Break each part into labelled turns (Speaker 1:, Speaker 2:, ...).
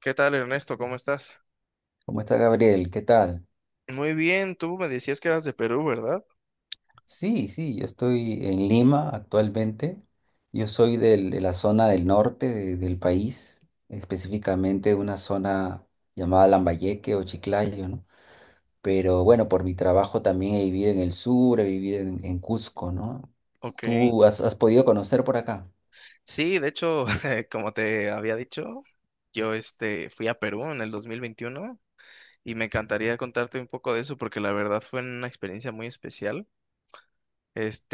Speaker 1: ¿Qué tal, Ernesto? ¿Cómo estás?
Speaker 2: ¿Cómo está Gabriel? ¿Qué tal?
Speaker 1: Muy bien, tú me decías que eras de Perú, ¿verdad?
Speaker 2: Sí, sí, yo estoy en Lima actualmente. Yo soy de la zona del norte del país, específicamente una zona llamada Lambayeque o Chiclayo, ¿no? Pero bueno, por mi trabajo también he vivido en el sur, he vivido en Cusco, ¿no?
Speaker 1: Ok.
Speaker 2: ¿Tú has podido conocer por acá?
Speaker 1: Sí, de hecho, como te había dicho, yo fui a Perú en el 2021 y me encantaría contarte un poco de eso porque la verdad fue una experiencia muy especial.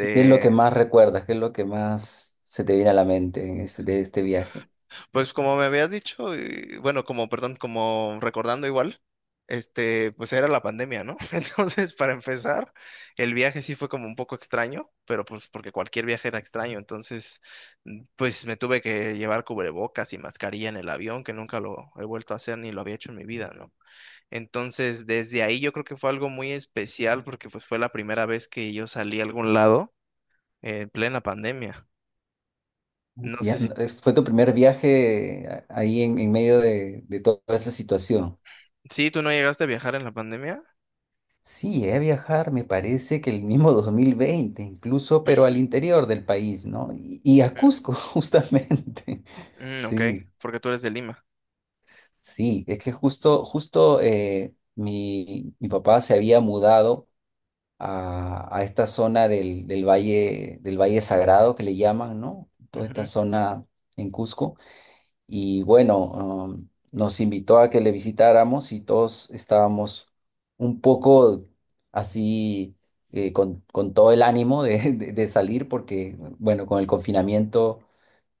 Speaker 2: ¿Y qué es lo que más recuerdas? ¿Qué es lo que más se te viene a la mente de este viaje?
Speaker 1: Pues como me habías dicho, bueno, como, perdón, como recordando igual, pues era la pandemia, ¿no? Entonces, para empezar, el viaje sí fue como un poco extraño, pero pues porque cualquier viaje era extraño, entonces, pues me tuve que llevar cubrebocas y mascarilla en el avión, que nunca lo he vuelto a hacer ni lo había hecho en mi vida, ¿no? Entonces, desde ahí yo creo que fue algo muy especial porque pues fue la primera vez que yo salí a algún lado en plena pandemia. No sé
Speaker 2: Ya,
Speaker 1: si,
Speaker 2: fue tu primer viaje ahí en medio de toda esa situación.
Speaker 1: sí, tú no llegaste a viajar en la pandemia.
Speaker 2: Sí, llegué a viajar, me parece que el mismo 2020, incluso, pero al interior del país, ¿no? Y a Cusco, justamente.
Speaker 1: Mm, ok,
Speaker 2: Sí,
Speaker 1: porque tú eres de Lima.
Speaker 2: sí, es que justo, justo mi papá se había mudado a esta zona del Valle Sagrado que le llaman, ¿no? Toda esta
Speaker 1: Ujú,
Speaker 2: zona en Cusco. Y bueno, nos invitó a que le visitáramos y todos estábamos un poco así con todo el ánimo de salir porque, bueno, con el confinamiento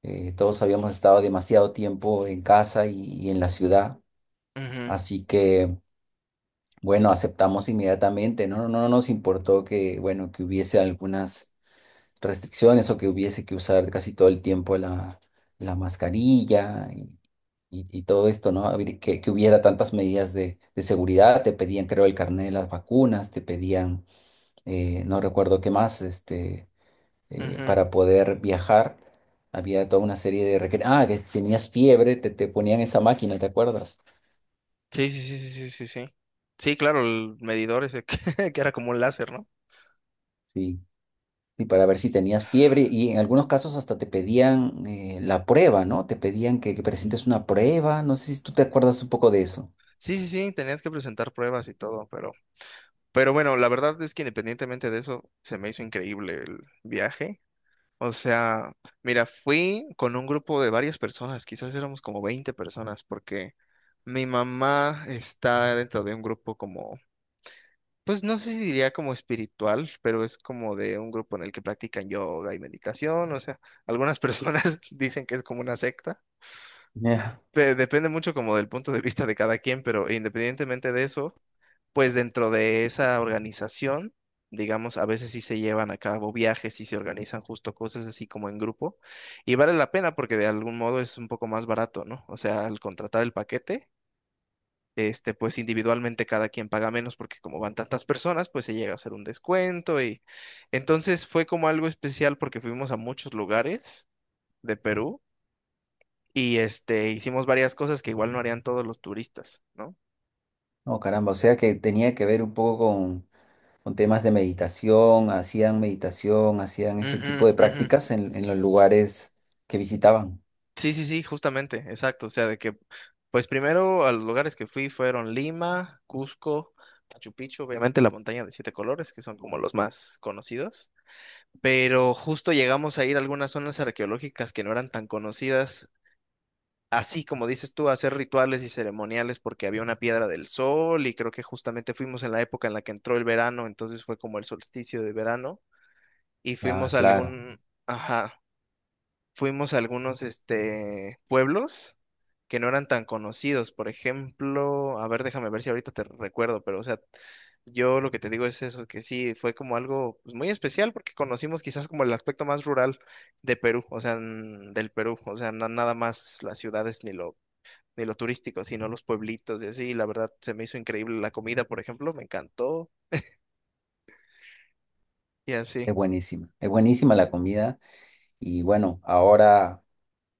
Speaker 2: todos habíamos estado demasiado tiempo en casa y en la ciudad,
Speaker 1: ujú,
Speaker 2: así que, bueno, aceptamos inmediatamente, no, no, no nos importó que, bueno, que hubiese algunas restricciones o que hubiese que usar casi todo el tiempo la mascarilla y todo esto, ¿no? Que hubiera tantas medidas de seguridad, te pedían, creo, el carnet de las vacunas, te pedían, no recuerdo qué más, este,
Speaker 1: ujú.
Speaker 2: para poder viajar, había toda una serie Ah, que tenías fiebre, te ponían esa máquina, ¿te acuerdas?
Speaker 1: Sí, sí, sí, sí, sí, sí, sí. Sí, claro, el medidor ese que, que era como un láser, ¿no?
Speaker 2: Sí. Y para ver si tenías fiebre, y en algunos casos hasta te pedían la prueba, ¿no? Te pedían que presentes una prueba, no sé si tú te acuerdas un poco de eso.
Speaker 1: Sí, sí, sí, tenías que presentar pruebas y todo, pero bueno, la verdad es que independientemente de eso, se me hizo increíble el viaje. O sea, mira, fui con un grupo de varias personas, quizás éramos como 20 personas, porque mi mamá está dentro de un grupo como... Pues no sé si diría como espiritual, pero es como de un grupo en el que practican yoga y meditación, o sea, algunas personas dicen que es como una secta.
Speaker 2: Ya.
Speaker 1: Depende mucho como del punto de vista de cada quien, pero independientemente de eso, pues dentro de esa organización, digamos, a veces sí se llevan a cabo viajes y se organizan justo cosas así como en grupo, y vale la pena porque de algún modo es un poco más barato, ¿no? O sea, al contratar el paquete pues individualmente cada quien paga menos porque como van tantas personas, pues se llega a hacer un descuento, y entonces fue como algo especial porque fuimos a muchos lugares de Perú y hicimos varias cosas que igual no harían todos los turistas, ¿no?
Speaker 2: Oh, caramba, o sea que tenía que ver un poco con temas de meditación, hacían ese
Speaker 1: Ujú,
Speaker 2: tipo de
Speaker 1: ujú.
Speaker 2: prácticas en los lugares que visitaban.
Speaker 1: Sí, sí, sí, justamente, exacto. O sea, de que, pues primero a los lugares que fui fueron Lima, Cusco, Machu Picchu, obviamente la montaña de siete colores, que son como los más conocidos. Pero justo llegamos a ir a algunas zonas arqueológicas que no eran tan conocidas, así como dices tú, a hacer rituales y ceremoniales porque había una piedra del sol y creo que justamente fuimos en la época en la que entró el verano, entonces fue como el solsticio de verano y
Speaker 2: Ah, claro,
Speaker 1: ajá, fuimos a algunos pueblos que no eran tan conocidos. Por ejemplo, a ver, déjame ver si ahorita te recuerdo, pero o sea, yo lo que te digo es eso, que sí, fue como algo pues, muy especial porque conocimos quizás como el aspecto más rural de Perú, o sea, del Perú, o sea, nada más las ciudades, ni lo, turístico, sino los pueblitos y así. Y la verdad, se me hizo increíble la comida, por ejemplo, me encantó y así.
Speaker 2: es buenísima la comida. Y bueno, ahora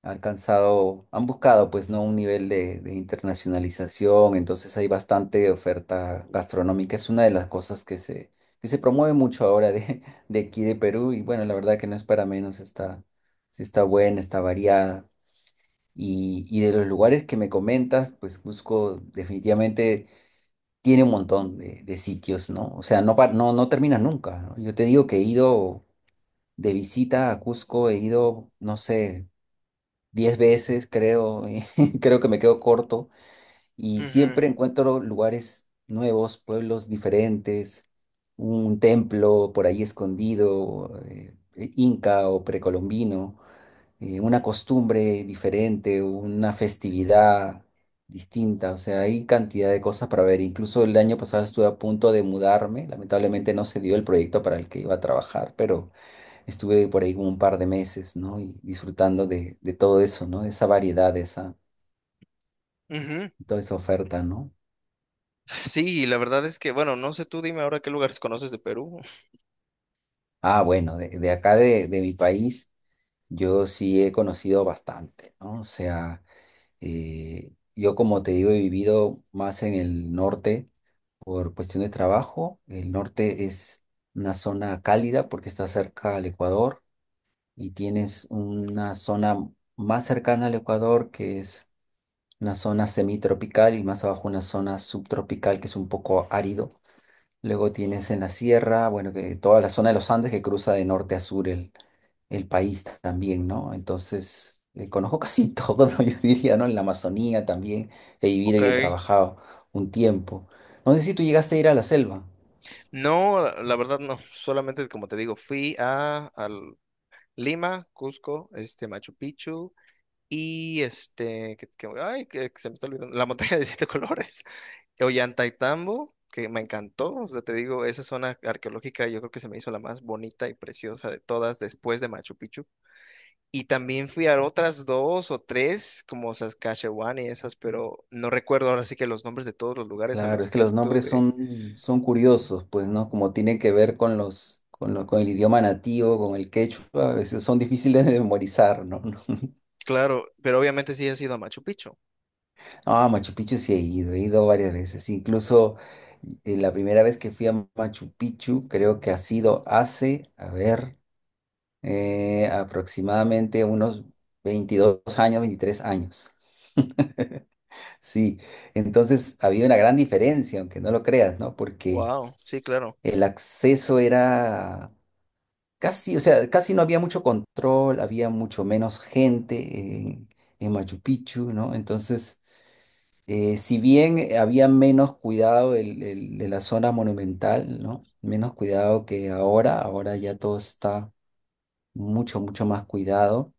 Speaker 2: han alcanzado, han buscado pues no un nivel de internacionalización, entonces hay bastante oferta gastronómica, es una de las cosas que se promueve mucho ahora de aquí de Perú. Y bueno, la verdad que no es para menos, sí, está buena, está variada. Y de los lugares que me comentas, pues Cusco definitivamente tiene un montón de sitios, ¿no? O sea, no, no termina nunca, ¿no? Yo te digo que he ido de visita a Cusco, he ido, no sé, 10 veces, creo, y creo que me quedo corto. Y
Speaker 1: Ujú,
Speaker 2: siempre encuentro lugares nuevos, pueblos diferentes, un templo por ahí escondido, inca o precolombino, una costumbre diferente, una festividad distinta, o sea, hay cantidad de cosas para ver. Incluso el año pasado estuve a punto de mudarme, lamentablemente no se dio el proyecto para el que iba a trabajar, pero estuve por ahí como un par de meses, ¿no? Y disfrutando de todo eso, ¿no? De esa variedad,
Speaker 1: ujú.
Speaker 2: toda esa oferta, ¿no?
Speaker 1: Sí, la verdad es que, bueno, no sé tú, dime ahora qué lugares conoces de Perú.
Speaker 2: Ah, bueno, de acá de mi país, yo sí he conocido bastante, ¿no? O sea, yo como te digo, he vivido más en el norte por cuestión de trabajo. El norte es una zona cálida porque está cerca al Ecuador, y tienes una zona más cercana al Ecuador que es una zona semitropical y más abajo una zona subtropical que es un poco árido. Luego tienes en la sierra, bueno, que toda la zona de los Andes que cruza de norte a sur el país también, ¿no? Entonces, conozco casi todo, ¿no? Yo diría, ¿no? En la Amazonía también he vivido
Speaker 1: Ok.
Speaker 2: y he trabajado un tiempo. No sé si tú llegaste a ir a la selva.
Speaker 1: No, la la verdad no, solamente como te digo, fui al Lima, Cusco, Machu Picchu y ay, que se me está olvidando, la montaña de siete colores, Ollantaytambo, que me encantó, o sea, te digo, esa zona arqueológica yo creo que se me hizo la más bonita y preciosa de todas después de Machu Picchu. Y también fui a otras dos o tres, como Saskatchewan y esas, pero no recuerdo ahora sí que los nombres de todos los lugares a
Speaker 2: Claro,
Speaker 1: los
Speaker 2: es que
Speaker 1: que
Speaker 2: los nombres
Speaker 1: estuve.
Speaker 2: son curiosos, pues, ¿no? Como tienen que ver con el idioma nativo, con el quechua, a veces son difíciles de memorizar, ¿no?
Speaker 1: Claro, pero obviamente sí has ido a Machu Picchu.
Speaker 2: Ah, Machu Picchu sí he ido varias veces. Incluso la primera vez que fui a Machu Picchu, creo que ha sido hace, a ver, aproximadamente unos 22 años, 23 años. Sí, entonces había una gran diferencia, aunque no lo creas, ¿no? Porque
Speaker 1: Wow, sí, claro.
Speaker 2: el acceso o sea, casi no había mucho control, había mucho menos gente en Machu Picchu, ¿no? Entonces, si bien había menos cuidado de la zona monumental, ¿no? Menos cuidado que ahora, ahora ya todo está mucho, mucho más cuidado.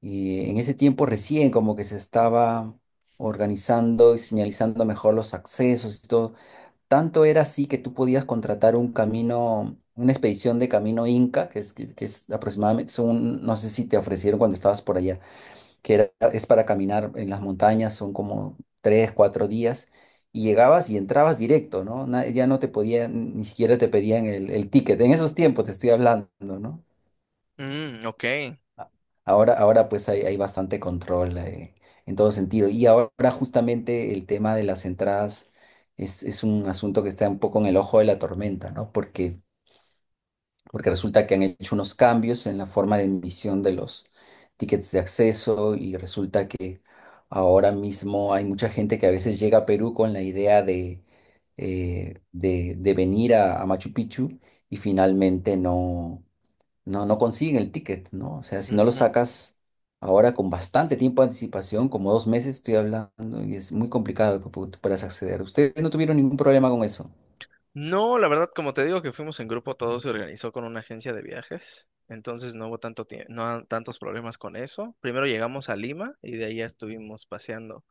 Speaker 2: Y en ese tiempo recién como que se estaba organizando y señalizando mejor los accesos y todo. Tanto era así que tú podías contratar un camino, una expedición de camino Inca, que es aproximadamente, son, no sé si te ofrecieron cuando estabas por allá, que era, es para caminar en las montañas, son como 3, 4 días, y llegabas y entrabas directo, ¿no? Ya no te podían, ni siquiera te pedían el ticket. En esos tiempos te estoy hablando, ¿no?
Speaker 1: Mm, ok.
Speaker 2: Ahora, ahora pues hay bastante control, en todo sentido. Y ahora justamente el tema de las entradas es un asunto que está un poco en el ojo de la tormenta, ¿no? Porque resulta que han hecho unos cambios en la forma de emisión de los tickets de acceso y resulta que ahora mismo hay mucha gente que a veces llega a Perú con la idea de venir a Machu Picchu y finalmente no consiguen el ticket, ¿no? O sea, si no lo
Speaker 1: Ujú.
Speaker 2: sacas ahora con bastante tiempo de anticipación, como 2 meses estoy hablando, y es muy complicado que tú puedas acceder. Ustedes no tuvieron ningún problema con eso.
Speaker 1: No, la verdad, como te digo que fuimos en grupo, todo se organizó con una agencia de viajes, entonces no hubo tanto tie- no ha- tantos problemas con eso. Primero llegamos a Lima y de ahí ya estuvimos paseando.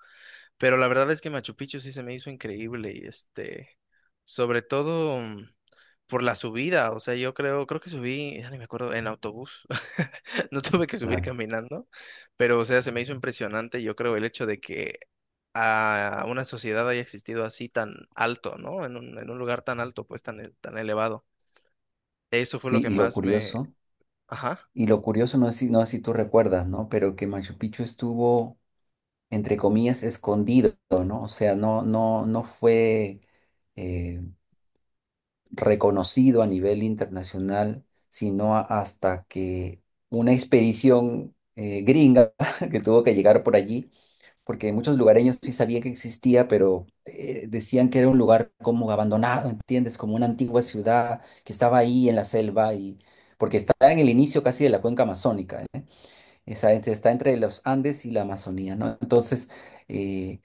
Speaker 1: Pero la verdad es que Machu Picchu sí se me hizo increíble y este, sobre todo por la subida, o sea, yo creo que subí, ya ni me acuerdo, en autobús, no tuve que subir
Speaker 2: Claro.
Speaker 1: caminando, pero o sea, se me hizo impresionante, yo creo, el hecho de que a una sociedad haya existido así tan alto, ¿no? En un lugar tan alto, pues tan, tan elevado. Eso fue lo
Speaker 2: Sí,
Speaker 1: que más me. Ajá.
Speaker 2: y lo curioso no es si tú recuerdas, ¿no? Pero que Machu Picchu estuvo, entre comillas, escondido, ¿no? O sea, no, no, no fue. eh, reconocido a nivel internacional, sino hasta que una expedición gringa que tuvo que llegar por allí, porque muchos lugareños sí sabían que existía, pero decían que era un lugar como abandonado, ¿entiendes? Como una antigua ciudad que estaba ahí en la selva y porque está en el inicio casi de la cuenca amazónica, ¿eh? Está entre los Andes y la Amazonía, ¿no? Entonces, eh,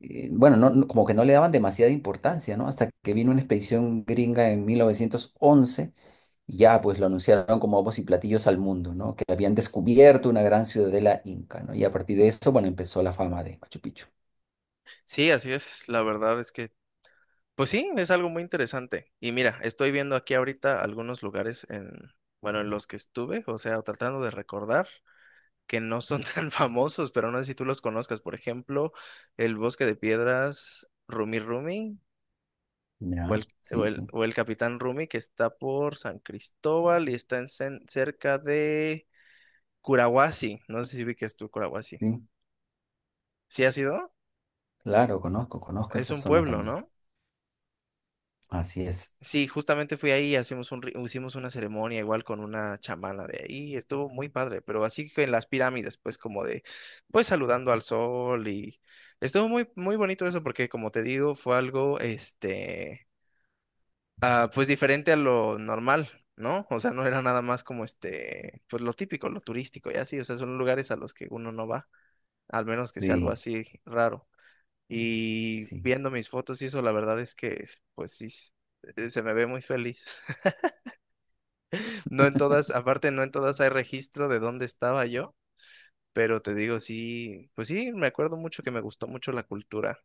Speaker 2: bueno, como que no le daban demasiada importancia, ¿no? Hasta que vino una expedición gringa en 1911 y ya pues lo anunciaron como bombos y platillos al mundo, ¿no? Que habían descubierto una gran ciudadela inca, ¿no? Y a partir de eso, bueno, empezó la fama de Machu Picchu.
Speaker 1: Sí, así es, la verdad es que... Pues sí, es algo muy interesante. Y mira, estoy viendo aquí ahorita algunos lugares en, bueno, en los que estuve, o sea, tratando de recordar que no son tan famosos, pero no sé si tú los conozcas. Por ejemplo, el Bosque de Piedras, Rumi Rumi, o el,
Speaker 2: Ya,
Speaker 1: o
Speaker 2: sí,
Speaker 1: el,
Speaker 2: sí,
Speaker 1: o el Capitán Rumi, que está por San Cristóbal y está en, cerca de Curahuasi. No sé si ubiques tú Curahuasi.
Speaker 2: sí.
Speaker 1: ¿Sí has ido?
Speaker 2: Claro, conozco, conozco
Speaker 1: Es
Speaker 2: esa
Speaker 1: un
Speaker 2: zona
Speaker 1: pueblo,
Speaker 2: también.
Speaker 1: ¿no?
Speaker 2: Así es.
Speaker 1: Sí, justamente fui ahí, hicimos una ceremonia igual con una chamana de ahí, estuvo muy padre, pero así que en las pirámides, pues como de, pues saludando al sol, y estuvo muy, muy bonito eso porque como te digo, fue algo, este, ah, pues diferente a lo normal, ¿no? O sea, no era nada más como este, pues lo típico, lo turístico y así, o sea, son lugares a los que uno no va, al menos que sea algo
Speaker 2: Sí,
Speaker 1: así raro. Y
Speaker 2: sí.
Speaker 1: viendo mis fotos y eso, la verdad es que, pues sí, se me ve muy feliz. No en todas, aparte no en todas hay registro de dónde estaba yo, pero te digo, sí, pues sí, me acuerdo mucho que me gustó mucho la cultura.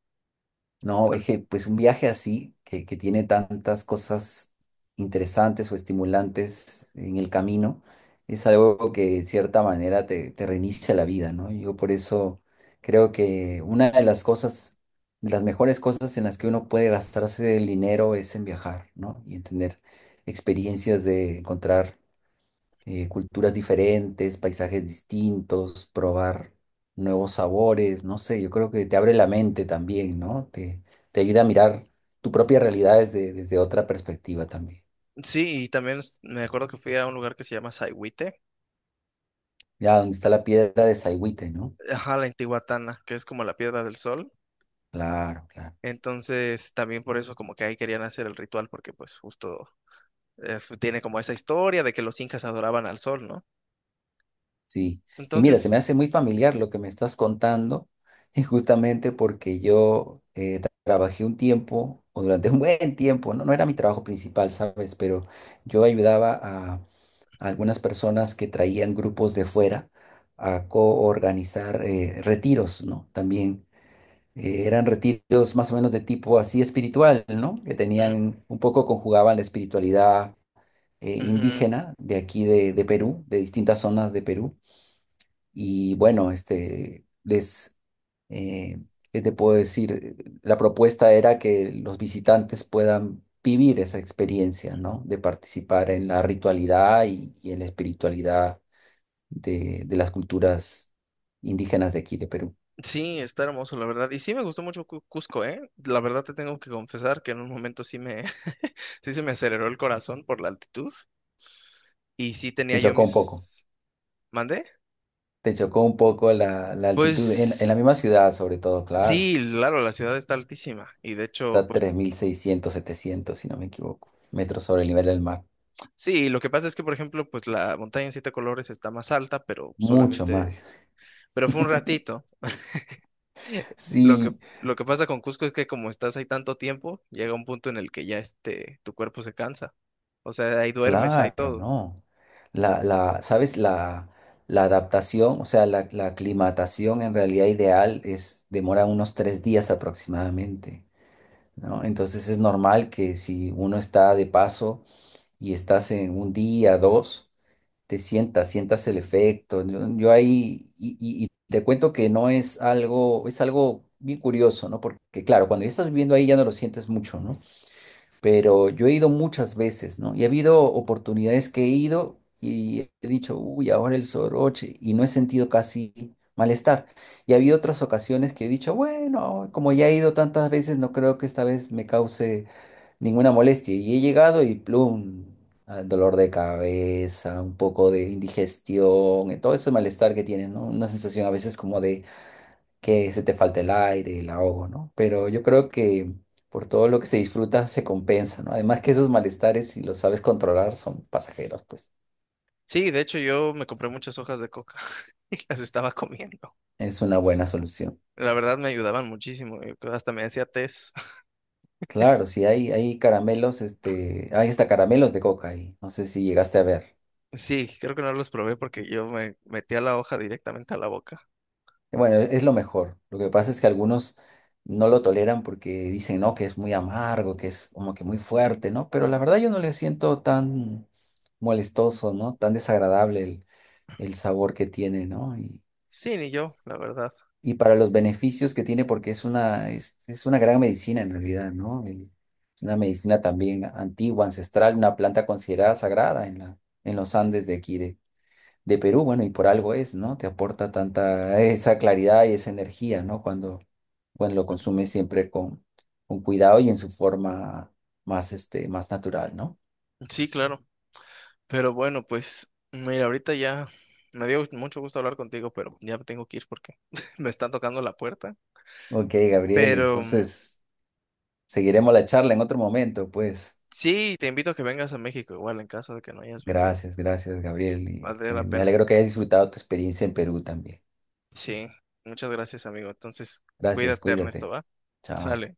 Speaker 2: No,
Speaker 1: Tam-
Speaker 2: es que, pues un viaje así, que tiene tantas cosas interesantes o estimulantes en el camino, es algo que de cierta manera te reinicia la vida, ¿no? Yo por eso creo que una de las cosas, de las mejores cosas en las que uno puede gastarse el dinero es en viajar, ¿no? Y en tener experiencias de encontrar culturas diferentes, paisajes distintos, probar nuevos sabores, no sé, yo creo que te abre la mente también, ¿no? Te ayuda a mirar tu propia realidad desde otra perspectiva también.
Speaker 1: Sí, y también me acuerdo que fui a un lugar que se llama Saigüite,
Speaker 2: Ya, donde está la piedra de Saigüite, ¿no?
Speaker 1: ajá, la Intihuatana, que es como la Piedra del Sol.
Speaker 2: Claro, claro,
Speaker 1: Entonces, también por eso como que ahí querían hacer el ritual, porque pues justo tiene como esa historia de que los incas adoraban al sol, ¿no?
Speaker 2: sí. Y mira, se me
Speaker 1: Entonces,
Speaker 2: hace muy familiar lo que me estás contando, y justamente porque yo trabajé un tiempo, o durante un buen tiempo, ¿no? No era mi trabajo principal, ¿sabes? Pero yo ayudaba algunas personas que traían grupos de fuera a coorganizar retiros, ¿no? También eran retiros más o menos de tipo así espiritual, ¿no? Que
Speaker 1: mm,
Speaker 2: tenían, un poco conjugaban la espiritualidad
Speaker 1: ujú.
Speaker 2: indígena de aquí de Perú, de distintas zonas de Perú. Y bueno, eh, ¿qué te puedo decir? La propuesta era que los visitantes puedan vivir esa experiencia, ¿no? De participar en la ritualidad y en la espiritualidad de las culturas indígenas de aquí, de Perú.
Speaker 1: Sí, está hermoso, la verdad. Y sí me gustó mucho Cusco, ¿eh? La verdad te tengo que confesar que en un momento sí se me aceleró el corazón por la altitud y sí tenía
Speaker 2: Te
Speaker 1: yo
Speaker 2: chocó un poco,
Speaker 1: mis. ¿Mandé?
Speaker 2: te chocó un poco la altitud, en la
Speaker 1: Pues
Speaker 2: misma ciudad sobre todo, claro.
Speaker 1: sí, claro, la ciudad está altísima y de
Speaker 2: Está
Speaker 1: hecho,
Speaker 2: a
Speaker 1: pues
Speaker 2: 3.600 o 3.700 si no me equivoco, metros sobre el nivel del mar.
Speaker 1: sí, lo que pasa es que, por ejemplo, pues la montaña en siete colores está más alta, pero
Speaker 2: Mucho
Speaker 1: solamente,
Speaker 2: más.
Speaker 1: pero fue un ratito. Lo que,
Speaker 2: Sí,
Speaker 1: lo que pasa con Cusco es que como estás ahí tanto tiempo, llega un punto en el que ya este, tu cuerpo se cansa. O sea, ahí duermes, ahí
Speaker 2: claro,
Speaker 1: todo.
Speaker 2: ¿no? ¿Sabes? La adaptación, o sea, la aclimatación en realidad ideal es, demora unos 3 días aproximadamente, ¿no? Entonces es normal que si uno está de paso y estás en un día, dos, sientas el efecto. Yo ahí, y te cuento que no es algo, es algo bien curioso, ¿no? Porque claro, cuando ya estás viviendo ahí ya no lo sientes mucho, ¿no? Pero yo he ido muchas veces, ¿no? Y ha habido oportunidades que he ido y he dicho, uy, ahora el soroche, y no he sentido casi malestar. Y ha habido otras ocasiones que he dicho, bueno, como ya he ido tantas veces, no creo que esta vez me cause ninguna molestia. Y he llegado y plum, ah, dolor de cabeza, un poco de indigestión, todo ese malestar que tienes, ¿no? Una sensación a veces como de que se te falta el aire, el ahogo, ¿no? Pero yo creo que por todo lo que se disfruta se compensa, ¿no? Además que esos malestares, si los sabes controlar, son pasajeros, pues
Speaker 1: Sí, de hecho yo me compré muchas hojas de coca y las estaba comiendo.
Speaker 2: es una buena solución.
Speaker 1: La verdad me ayudaban muchísimo. Eh, hasta me hacía té.
Speaker 2: Claro, si hay caramelos, este, hay hasta caramelos de coca ahí. No sé si llegaste a ver.
Speaker 1: Sí, creo que no los probé porque yo me metía la hoja directamente a la boca.
Speaker 2: Bueno, es lo mejor. Lo que pasa es que algunos no lo toleran porque dicen, no, que es muy amargo, que es como que muy fuerte, ¿no? Pero la verdad yo no le siento tan molestoso, ¿no? Tan desagradable el sabor que tiene, ¿no? Y,
Speaker 1: Sí, ni yo, la verdad.
Speaker 2: y para los beneficios que tiene, porque es una gran medicina en realidad, ¿no? Y una medicina también antigua, ancestral, una planta considerada sagrada en la, en los Andes de aquí de Perú, bueno, y por algo es, ¿no? Te aporta tanta esa claridad y esa energía, ¿no? Cuando lo consumes siempre con cuidado y en su forma más natural, ¿no?
Speaker 1: Sí, claro. Pero bueno, pues mira, ahorita ya me dio mucho gusto hablar contigo, pero ya me tengo que ir porque me están tocando la puerta.
Speaker 2: Ok, Gabriel,
Speaker 1: Pero
Speaker 2: entonces seguiremos la charla en otro momento, pues.
Speaker 1: sí, te invito a que vengas a México, igual en caso de que no hayas venido.
Speaker 2: Gracias, gracias, Gabriel. y,
Speaker 1: Valdría
Speaker 2: eh,
Speaker 1: la
Speaker 2: me
Speaker 1: pena.
Speaker 2: alegro que hayas disfrutado tu experiencia en Perú también.
Speaker 1: Sí, muchas gracias, amigo. Entonces,
Speaker 2: Gracias,
Speaker 1: cuídate, Ernesto,
Speaker 2: cuídate.
Speaker 1: ¿va?
Speaker 2: Chao.
Speaker 1: Sale.